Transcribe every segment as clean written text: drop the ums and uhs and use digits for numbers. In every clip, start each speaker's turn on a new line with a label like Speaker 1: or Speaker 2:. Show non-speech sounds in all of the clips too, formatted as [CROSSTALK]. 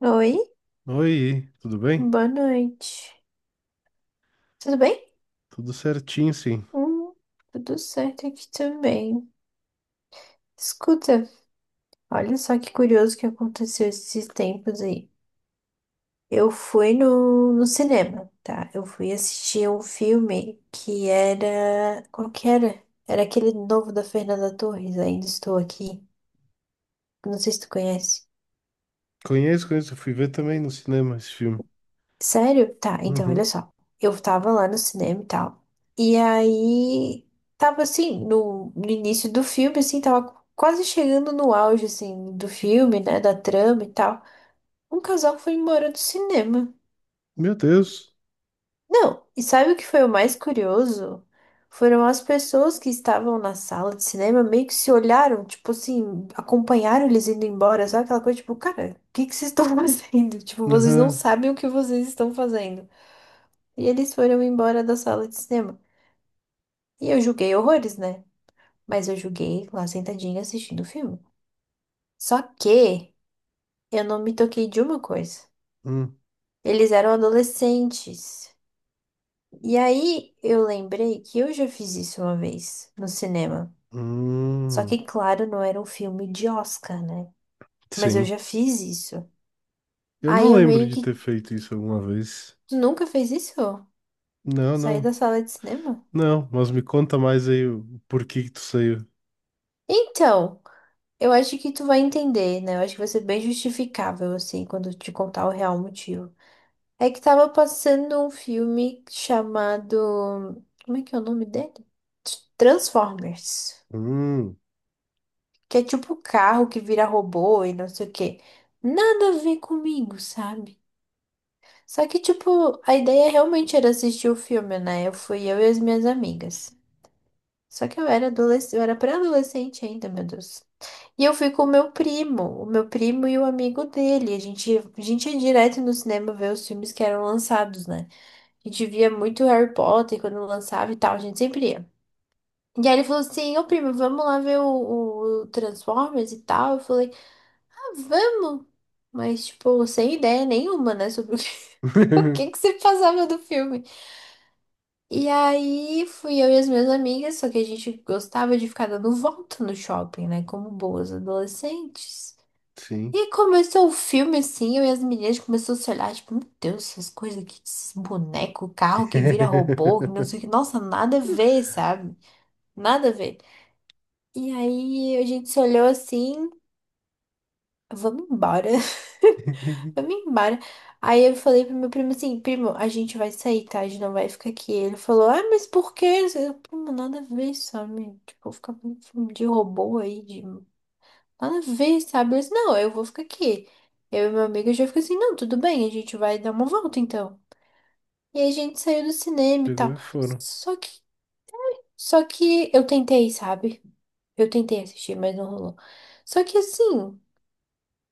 Speaker 1: Oi,
Speaker 2: Oi, tudo bem?
Speaker 1: boa noite. Tudo bem?
Speaker 2: Tudo certinho, sim.
Speaker 1: Hum, tudo certo aqui também. Escuta, olha só que curioso que aconteceu esses tempos aí. Eu fui no cinema, tá? Eu fui assistir um filme que era. Qual que era? Era aquele novo da Fernanda Torres, Ainda Estou Aqui. Não sei se tu conhece.
Speaker 2: Conheço, conheço. Eu fui ver também no cinema esse filme.
Speaker 1: Sério? Tá, então olha
Speaker 2: Uhum.
Speaker 1: só. Eu tava lá no cinema e tal. E aí tava assim, no início do filme, assim, tava quase chegando no auge, assim, do filme, né? Da trama e tal. Um casal foi embora do cinema.
Speaker 2: Meu Deus.
Speaker 1: Não, e sabe o que foi o mais curioso? Foram as pessoas que estavam na sala de cinema meio que se olharam, tipo assim, acompanharam eles indo embora, sabe aquela coisa, tipo, cara, o que que vocês estão [LAUGHS] fazendo? Tipo, vocês não
Speaker 2: Uhum.
Speaker 1: sabem o que vocês estão fazendo. E eles foram embora da sala de cinema. E eu julguei horrores, né? Mas eu julguei lá sentadinha assistindo o filme. Só que eu não me toquei de uma coisa.
Speaker 2: Hum.
Speaker 1: Eles eram adolescentes. E aí eu lembrei que eu já fiz isso uma vez no cinema. Só
Speaker 2: Hum.
Speaker 1: que, claro, não era um filme de Oscar, né? Mas eu
Speaker 2: Sim.
Speaker 1: já fiz isso.
Speaker 2: Eu
Speaker 1: Aí
Speaker 2: não
Speaker 1: eu
Speaker 2: lembro
Speaker 1: meio
Speaker 2: de ter
Speaker 1: que.
Speaker 2: feito isso alguma vez.
Speaker 1: Tu nunca fez isso?
Speaker 2: Não,
Speaker 1: Saí da
Speaker 2: não.
Speaker 1: sala de cinema?
Speaker 2: Não, mas me conta mais aí o porquê que tu saiu.
Speaker 1: Então. Eu acho que tu vai entender, né? Eu acho que vai ser bem justificável, assim, quando eu te contar o real motivo. É que tava passando um filme chamado. Como é que é o nome dele? Transformers.
Speaker 2: Hum.
Speaker 1: Que é tipo carro que vira robô e não sei o quê. Nada a ver comigo, sabe? Só que, tipo, a ideia realmente era assistir o filme, né? Eu fui eu e as minhas amigas. Só que eu era adolescente, eu era pré-adolescente ainda, meu Deus. E eu fui com o meu primo e o amigo dele. A gente ia direto no cinema ver os filmes que eram lançados, né? A gente via muito Harry Potter quando lançava e tal, a gente sempre ia. E aí ele falou assim, ô primo, vamos lá ver o Transformers e tal. Eu falei, ah, vamos! Mas, tipo, sem ideia nenhuma, né, sobre o que, [LAUGHS] o que que
Speaker 2: [LAUGHS]
Speaker 1: se passava do filme. E aí fui eu e as minhas amigas, só que a gente gostava de ficar dando volta no shopping, né? Como boas adolescentes.
Speaker 2: Sim.
Speaker 1: E começou o filme assim, eu e as meninas começou a se olhar, tipo, meu Deus, essas coisas aqui, esses bonecos, carro que vira robô, que não sei o
Speaker 2: [LAUGHS]
Speaker 1: que, nossa, nada a ver, sabe? Nada a ver. E aí a gente se olhou assim, vamos embora. [LAUGHS] Vamos embora. Aí eu falei pro meu primo assim, primo, a gente vai sair, tá? A gente não vai ficar aqui. Ele falou, ah, mas por quê? Eu, primo, nada a ver, sabe? Tipo, ficar com filme de robô aí, de Nada a ver, sabe? Eu disse, não, eu vou ficar aqui. Eu e meu amigo já fica assim, não, tudo bem, a gente vai dar uma volta então. E aí a gente saiu do cinema e
Speaker 2: Pegou
Speaker 1: tal.
Speaker 2: e foram.
Speaker 1: Só que, só que eu tentei, sabe? Eu tentei assistir, mas não rolou. Só que assim,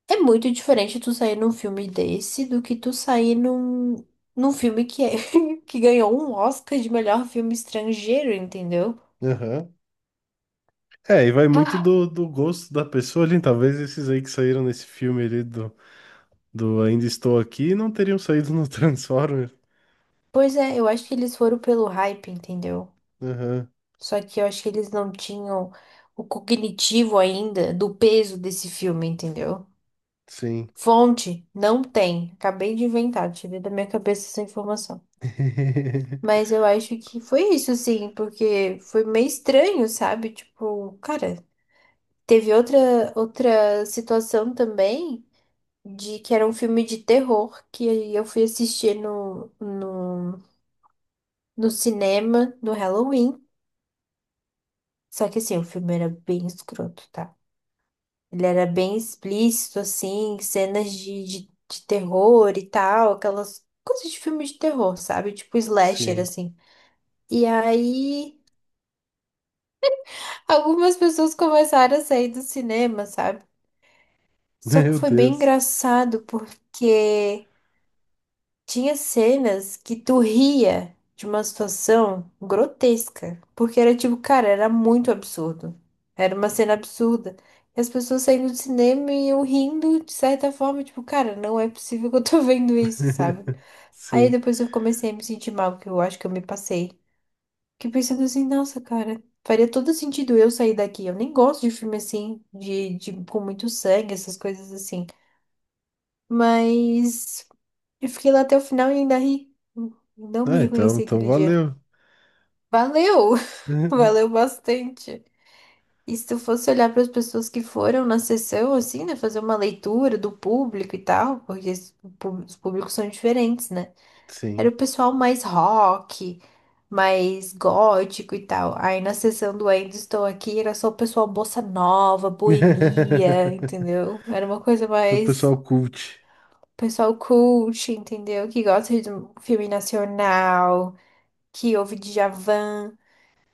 Speaker 1: é muito diferente tu sair num filme desse do que tu sair num filme que, é, [LAUGHS] que ganhou um Oscar de melhor filme estrangeiro, entendeu?
Speaker 2: Aham. É, e vai muito
Speaker 1: Ah,
Speaker 2: do gosto da pessoa ali. Talvez esses aí que saíram nesse filme ali do do Ainda Estou Aqui não teriam saído no [LAUGHS] Transformers.
Speaker 1: pois é, eu acho que eles foram pelo hype, entendeu?
Speaker 2: Aham,
Speaker 1: Só que eu acho que eles não tinham o cognitivo ainda do peso desse filme, entendeu?
Speaker 2: sim.
Speaker 1: Fonte, não tem. Acabei de inventar, tirei da minha cabeça essa informação.
Speaker 2: [LAUGHS]
Speaker 1: Mas eu acho que foi isso, sim, porque foi meio estranho, sabe? Tipo, cara, teve outra situação também de que era um filme de terror que eu fui assistir no cinema no Halloween. Só que assim, o filme era bem escroto, tá? Ele era bem explícito, assim, cenas de terror e tal, aquelas coisas de filme de terror, sabe? Tipo slasher,
Speaker 2: Sim.
Speaker 1: assim. E aí, algumas pessoas começaram a sair do cinema, sabe? Só que
Speaker 2: Meu
Speaker 1: foi bem
Speaker 2: Deus.
Speaker 1: engraçado porque. Tinha cenas que tu ria de uma situação grotesca, porque era tipo, cara, era muito absurdo. Era uma cena absurda. E as pessoas saindo do cinema e eu rindo de certa forma, tipo, cara, não é possível que eu tô [LAUGHS] vendo isso, sabe?
Speaker 2: [LAUGHS]
Speaker 1: Aí
Speaker 2: Sim.
Speaker 1: depois eu comecei a me sentir mal, que eu acho que eu me passei. Fiquei pensando assim, nossa, cara, faria todo sentido eu sair daqui. Eu nem gosto de filme assim, de com muito sangue, essas coisas assim. Mas. Eu fiquei lá até o final e ainda ri. Não me
Speaker 2: Ah, então,
Speaker 1: reconheci
Speaker 2: então
Speaker 1: aquele dia.
Speaker 2: valeu.
Speaker 1: Valeu! [LAUGHS]
Speaker 2: [LAUGHS]
Speaker 1: Valeu bastante. E se tu fosse olhar para as pessoas que foram na sessão, assim, né? Fazer uma leitura do público e tal, porque os pú- os públicos são diferentes, né? Era o
Speaker 2: Sim.
Speaker 1: pessoal mais rock, mais gótico e tal. Aí na sessão do Ainda Estou Aqui era só o pessoal bossa nova, boemia,
Speaker 2: [LAUGHS]
Speaker 1: entendeu? Era uma coisa
Speaker 2: Sou
Speaker 1: mais.
Speaker 2: pessoal cult.
Speaker 1: Pessoal cult, entendeu? Que gosta de um filme nacional. Que houve Djavan.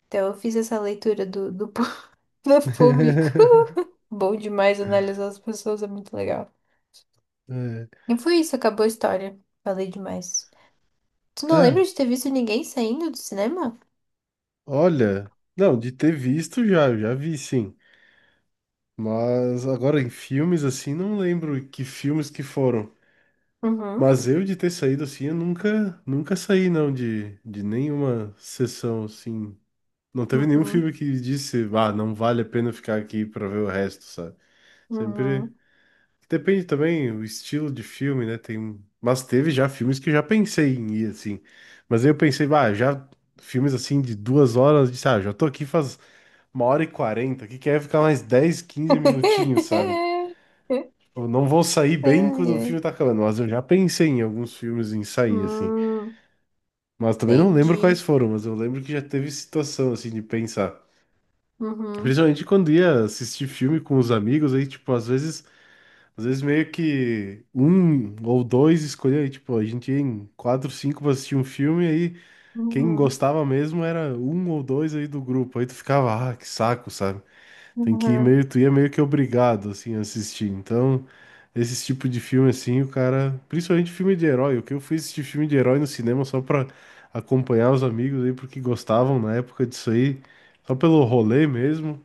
Speaker 1: Então eu fiz essa leitura pú- [LAUGHS] do público.
Speaker 2: [LAUGHS]
Speaker 1: Bom demais analisar as pessoas, é muito legal.
Speaker 2: É.
Speaker 1: E foi isso, acabou a história. Falei demais. Tu não lembra
Speaker 2: Ah,
Speaker 1: de ter visto ninguém saindo do cinema?
Speaker 2: olha. Não, de ter visto já, eu já vi sim. Mas agora em filmes assim, não lembro que filmes que foram.
Speaker 1: Uhum,
Speaker 2: Mas eu de ter saído assim, eu nunca, nunca saí não de, de nenhuma sessão assim. Não teve nenhum
Speaker 1: uhum,
Speaker 2: filme que disse, ah, não vale a pena ficar aqui pra ver o resto, sabe? Sempre
Speaker 1: uhum.
Speaker 2: depende também o estilo de filme, né? Tem, mas teve já filmes que eu já pensei em ir assim. Mas aí eu pensei, ah, já filmes assim de 2 horas, de, ah, já tô aqui faz 1h40, que quer ficar mais 10 15 minutinhos, sabe?
Speaker 1: [LAUGHS]
Speaker 2: Tipo, não vou sair
Speaker 1: Ai,
Speaker 2: bem quando o filme
Speaker 1: ai.
Speaker 2: tá acabando, mas eu já pensei em alguns filmes em sair, assim.
Speaker 1: Hum,
Speaker 2: Mas também não lembro quais
Speaker 1: entendi.
Speaker 2: foram, mas eu lembro que já teve situação assim de pensar.
Speaker 1: Uhum,
Speaker 2: Principalmente quando ia assistir filme com os amigos, aí, tipo, às vezes meio que um ou dois escolhia, aí, tipo, a gente ia em quatro, cinco pra assistir um filme, aí quem
Speaker 1: uhum,
Speaker 2: gostava mesmo era um ou dois aí do grupo. Aí tu ficava, ah, que saco, sabe? Tem que ir
Speaker 1: uhum.
Speaker 2: meio, tu ia meio que obrigado, assim, a assistir. Então, esse tipo de filme, assim, o cara, principalmente filme de herói, o que eu fui assistir filme de herói no cinema só pra acompanhar os amigos aí, porque gostavam na época disso aí, só pelo rolê mesmo,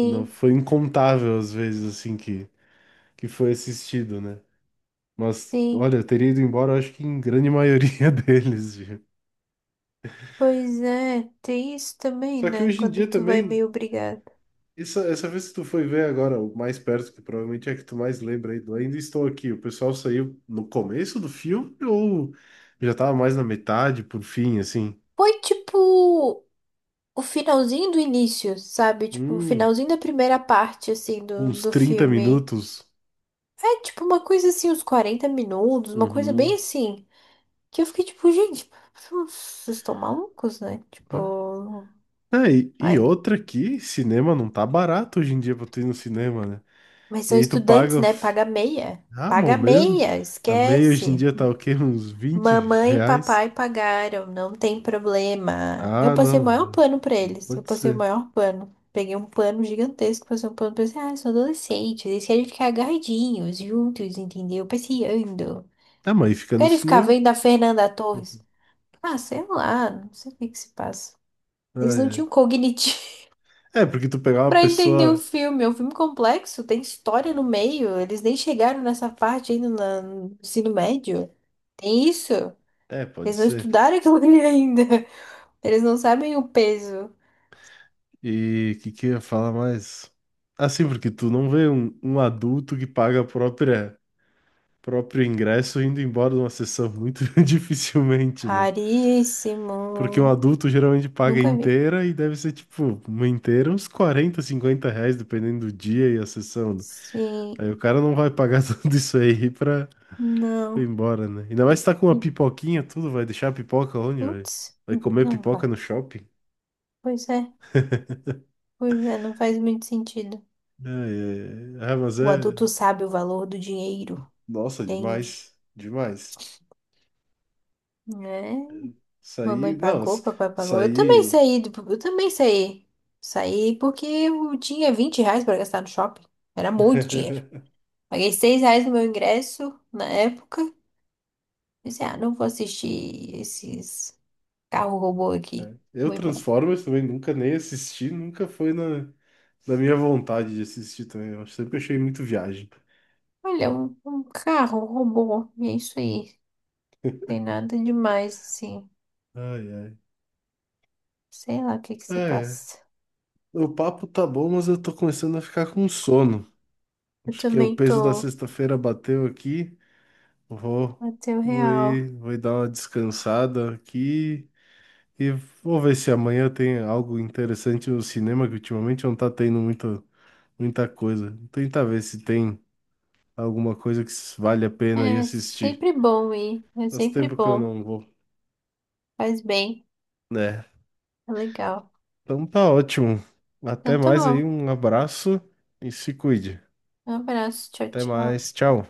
Speaker 2: não foi incontável as vezes, assim, que foi assistido, né? Mas,
Speaker 1: sim.
Speaker 2: olha, eu teria ido embora, eu acho que em grande maioria [LAUGHS] deles, viu?
Speaker 1: Pois é, tem isso também,
Speaker 2: Só que
Speaker 1: né?
Speaker 2: hoje em
Speaker 1: Quando
Speaker 2: dia
Speaker 1: tu vai
Speaker 2: também.
Speaker 1: meio obrigado.
Speaker 2: Isso, essa vez que tu foi ver agora, o mais perto, que provavelmente é que tu mais lembra aí do Ainda Estou Aqui, o pessoal saiu no começo do filme ou já tava mais na metade, por fim, assim?
Speaker 1: Foi tipo. O finalzinho do início, sabe? Tipo, o
Speaker 2: Hum,
Speaker 1: finalzinho da primeira parte, assim,
Speaker 2: uns
Speaker 1: do
Speaker 2: 30
Speaker 1: filme.
Speaker 2: minutos.
Speaker 1: É tipo uma coisa assim, uns 40 minutos, uma coisa bem
Speaker 2: Uhum.
Speaker 1: assim. Que eu fiquei tipo, gente, vocês estão malucos, né?
Speaker 2: Né?
Speaker 1: Tipo,
Speaker 2: Ah, e
Speaker 1: ai,
Speaker 2: outra que cinema não tá barato hoje em dia pra tu ir no cinema, né?
Speaker 1: mas
Speaker 2: E
Speaker 1: são
Speaker 2: aí tu
Speaker 1: estudantes,
Speaker 2: paga,
Speaker 1: né? Paga meia.
Speaker 2: ah, mão
Speaker 1: Paga
Speaker 2: mesmo?
Speaker 1: meia,
Speaker 2: A meia hoje em
Speaker 1: esquece.
Speaker 2: dia tá o quê? [LAUGHS] Uns vinte
Speaker 1: Mamãe e
Speaker 2: reais?
Speaker 1: papai pagaram, não tem problema. Eu
Speaker 2: Ah,
Speaker 1: passei o
Speaker 2: não,
Speaker 1: maior pano pra
Speaker 2: não
Speaker 1: eles. Eu
Speaker 2: pode
Speaker 1: passei o
Speaker 2: ser.
Speaker 1: maior pano. Peguei um pano gigantesco, passei um pano pra eles. Ah, são adolescentes, eles querem ficar agarradinhos, juntos, entendeu? Passeando.
Speaker 2: Ah, mas aí fica no
Speaker 1: Querem ficar
Speaker 2: cinema?
Speaker 1: vendo a Fernanda Torres. Ah, sei lá, não sei o que que se passa.
Speaker 2: Ah,
Speaker 1: Eles não
Speaker 2: é.
Speaker 1: tinham cognitivo
Speaker 2: É, porque tu pegar
Speaker 1: [LAUGHS]
Speaker 2: uma
Speaker 1: pra entender o
Speaker 2: pessoa.
Speaker 1: filme. É um filme complexo, tem história no meio. Eles nem chegaram nessa parte ainda na- no ensino médio. Tem isso.
Speaker 2: É, pode
Speaker 1: Eles não
Speaker 2: ser.
Speaker 1: estudaram [LAUGHS] aquilo ali ainda. Eles não sabem o peso.
Speaker 2: E o que, que eu ia falar mais? Assim, porque tu não vê um, um adulto que paga a própria, próprio ingresso indo embora de uma sessão muito [LAUGHS] dificilmente, né? Porque um
Speaker 1: Raríssimo.
Speaker 2: adulto geralmente paga
Speaker 1: Nunca vi.
Speaker 2: inteira e deve ser tipo, uma inteira, uns R$ 40, 50, dependendo do dia e a sessão. Né?
Speaker 1: Sim.
Speaker 2: Aí o cara não vai pagar [LAUGHS] tudo isso aí pra ir
Speaker 1: Não.
Speaker 2: embora, né? Ainda mais se tá com uma
Speaker 1: E,
Speaker 2: pipoquinha, tudo, vai deixar a pipoca onde, velho?
Speaker 1: putz,
Speaker 2: Vai comer
Speaker 1: não
Speaker 2: pipoca
Speaker 1: vai.
Speaker 2: no shopping?
Speaker 1: Pois é, pois é, não faz muito sentido.
Speaker 2: É, é, ah, mas
Speaker 1: O
Speaker 2: é.
Speaker 1: adulto sabe o valor do dinheiro,
Speaker 2: Nossa,
Speaker 1: entende?
Speaker 2: demais. Demais.
Speaker 1: Né?
Speaker 2: Isso
Speaker 1: Mamãe
Speaker 2: aí. Não,
Speaker 1: pagou,
Speaker 2: isso
Speaker 1: papai
Speaker 2: isso
Speaker 1: pagou. Eu também
Speaker 2: aí.
Speaker 1: saí, do- eu também saí. Saí porque eu tinha R$ 20 para gastar no shopping. Era muito
Speaker 2: [LAUGHS]
Speaker 1: dinheiro. Paguei R$ 6 no meu ingresso na época. Pensei, ah, não vou assistir esses carro robô aqui.
Speaker 2: Eu
Speaker 1: Vou embora.
Speaker 2: Transformers também nunca nem assisti, nunca foi na, na minha vontade de assistir também. Eu sempre achei muito viagem.
Speaker 1: Olha, um carro robô. E é isso aí. Tem nada demais, assim.
Speaker 2: Ai, ai.
Speaker 1: Sei lá o que que se
Speaker 2: É,
Speaker 1: passa.
Speaker 2: o papo tá bom, mas eu tô começando a ficar com sono.
Speaker 1: Eu
Speaker 2: Acho que é o
Speaker 1: também
Speaker 2: peso da
Speaker 1: tô.
Speaker 2: sexta-feira bateu aqui. Vou,
Speaker 1: Até
Speaker 2: vou
Speaker 1: real.
Speaker 2: ir, vou ir dar uma descansada aqui. E vou ver se amanhã tem algo interessante no cinema, que ultimamente não tá tendo muita coisa. Tentar ver se tem alguma coisa que vale a pena ir
Speaker 1: É
Speaker 2: assistir.
Speaker 1: sempre bom ir. É
Speaker 2: Faz
Speaker 1: sempre
Speaker 2: tempo que eu
Speaker 1: bom.
Speaker 2: não vou,
Speaker 1: Faz bem.
Speaker 2: né?
Speaker 1: É legal.
Speaker 2: Então tá ótimo. Até
Speaker 1: Então tá
Speaker 2: mais aí,
Speaker 1: bom.
Speaker 2: um abraço e se cuide.
Speaker 1: Um abraço. Tchau,
Speaker 2: Até mais,
Speaker 1: tchau.
Speaker 2: tchau.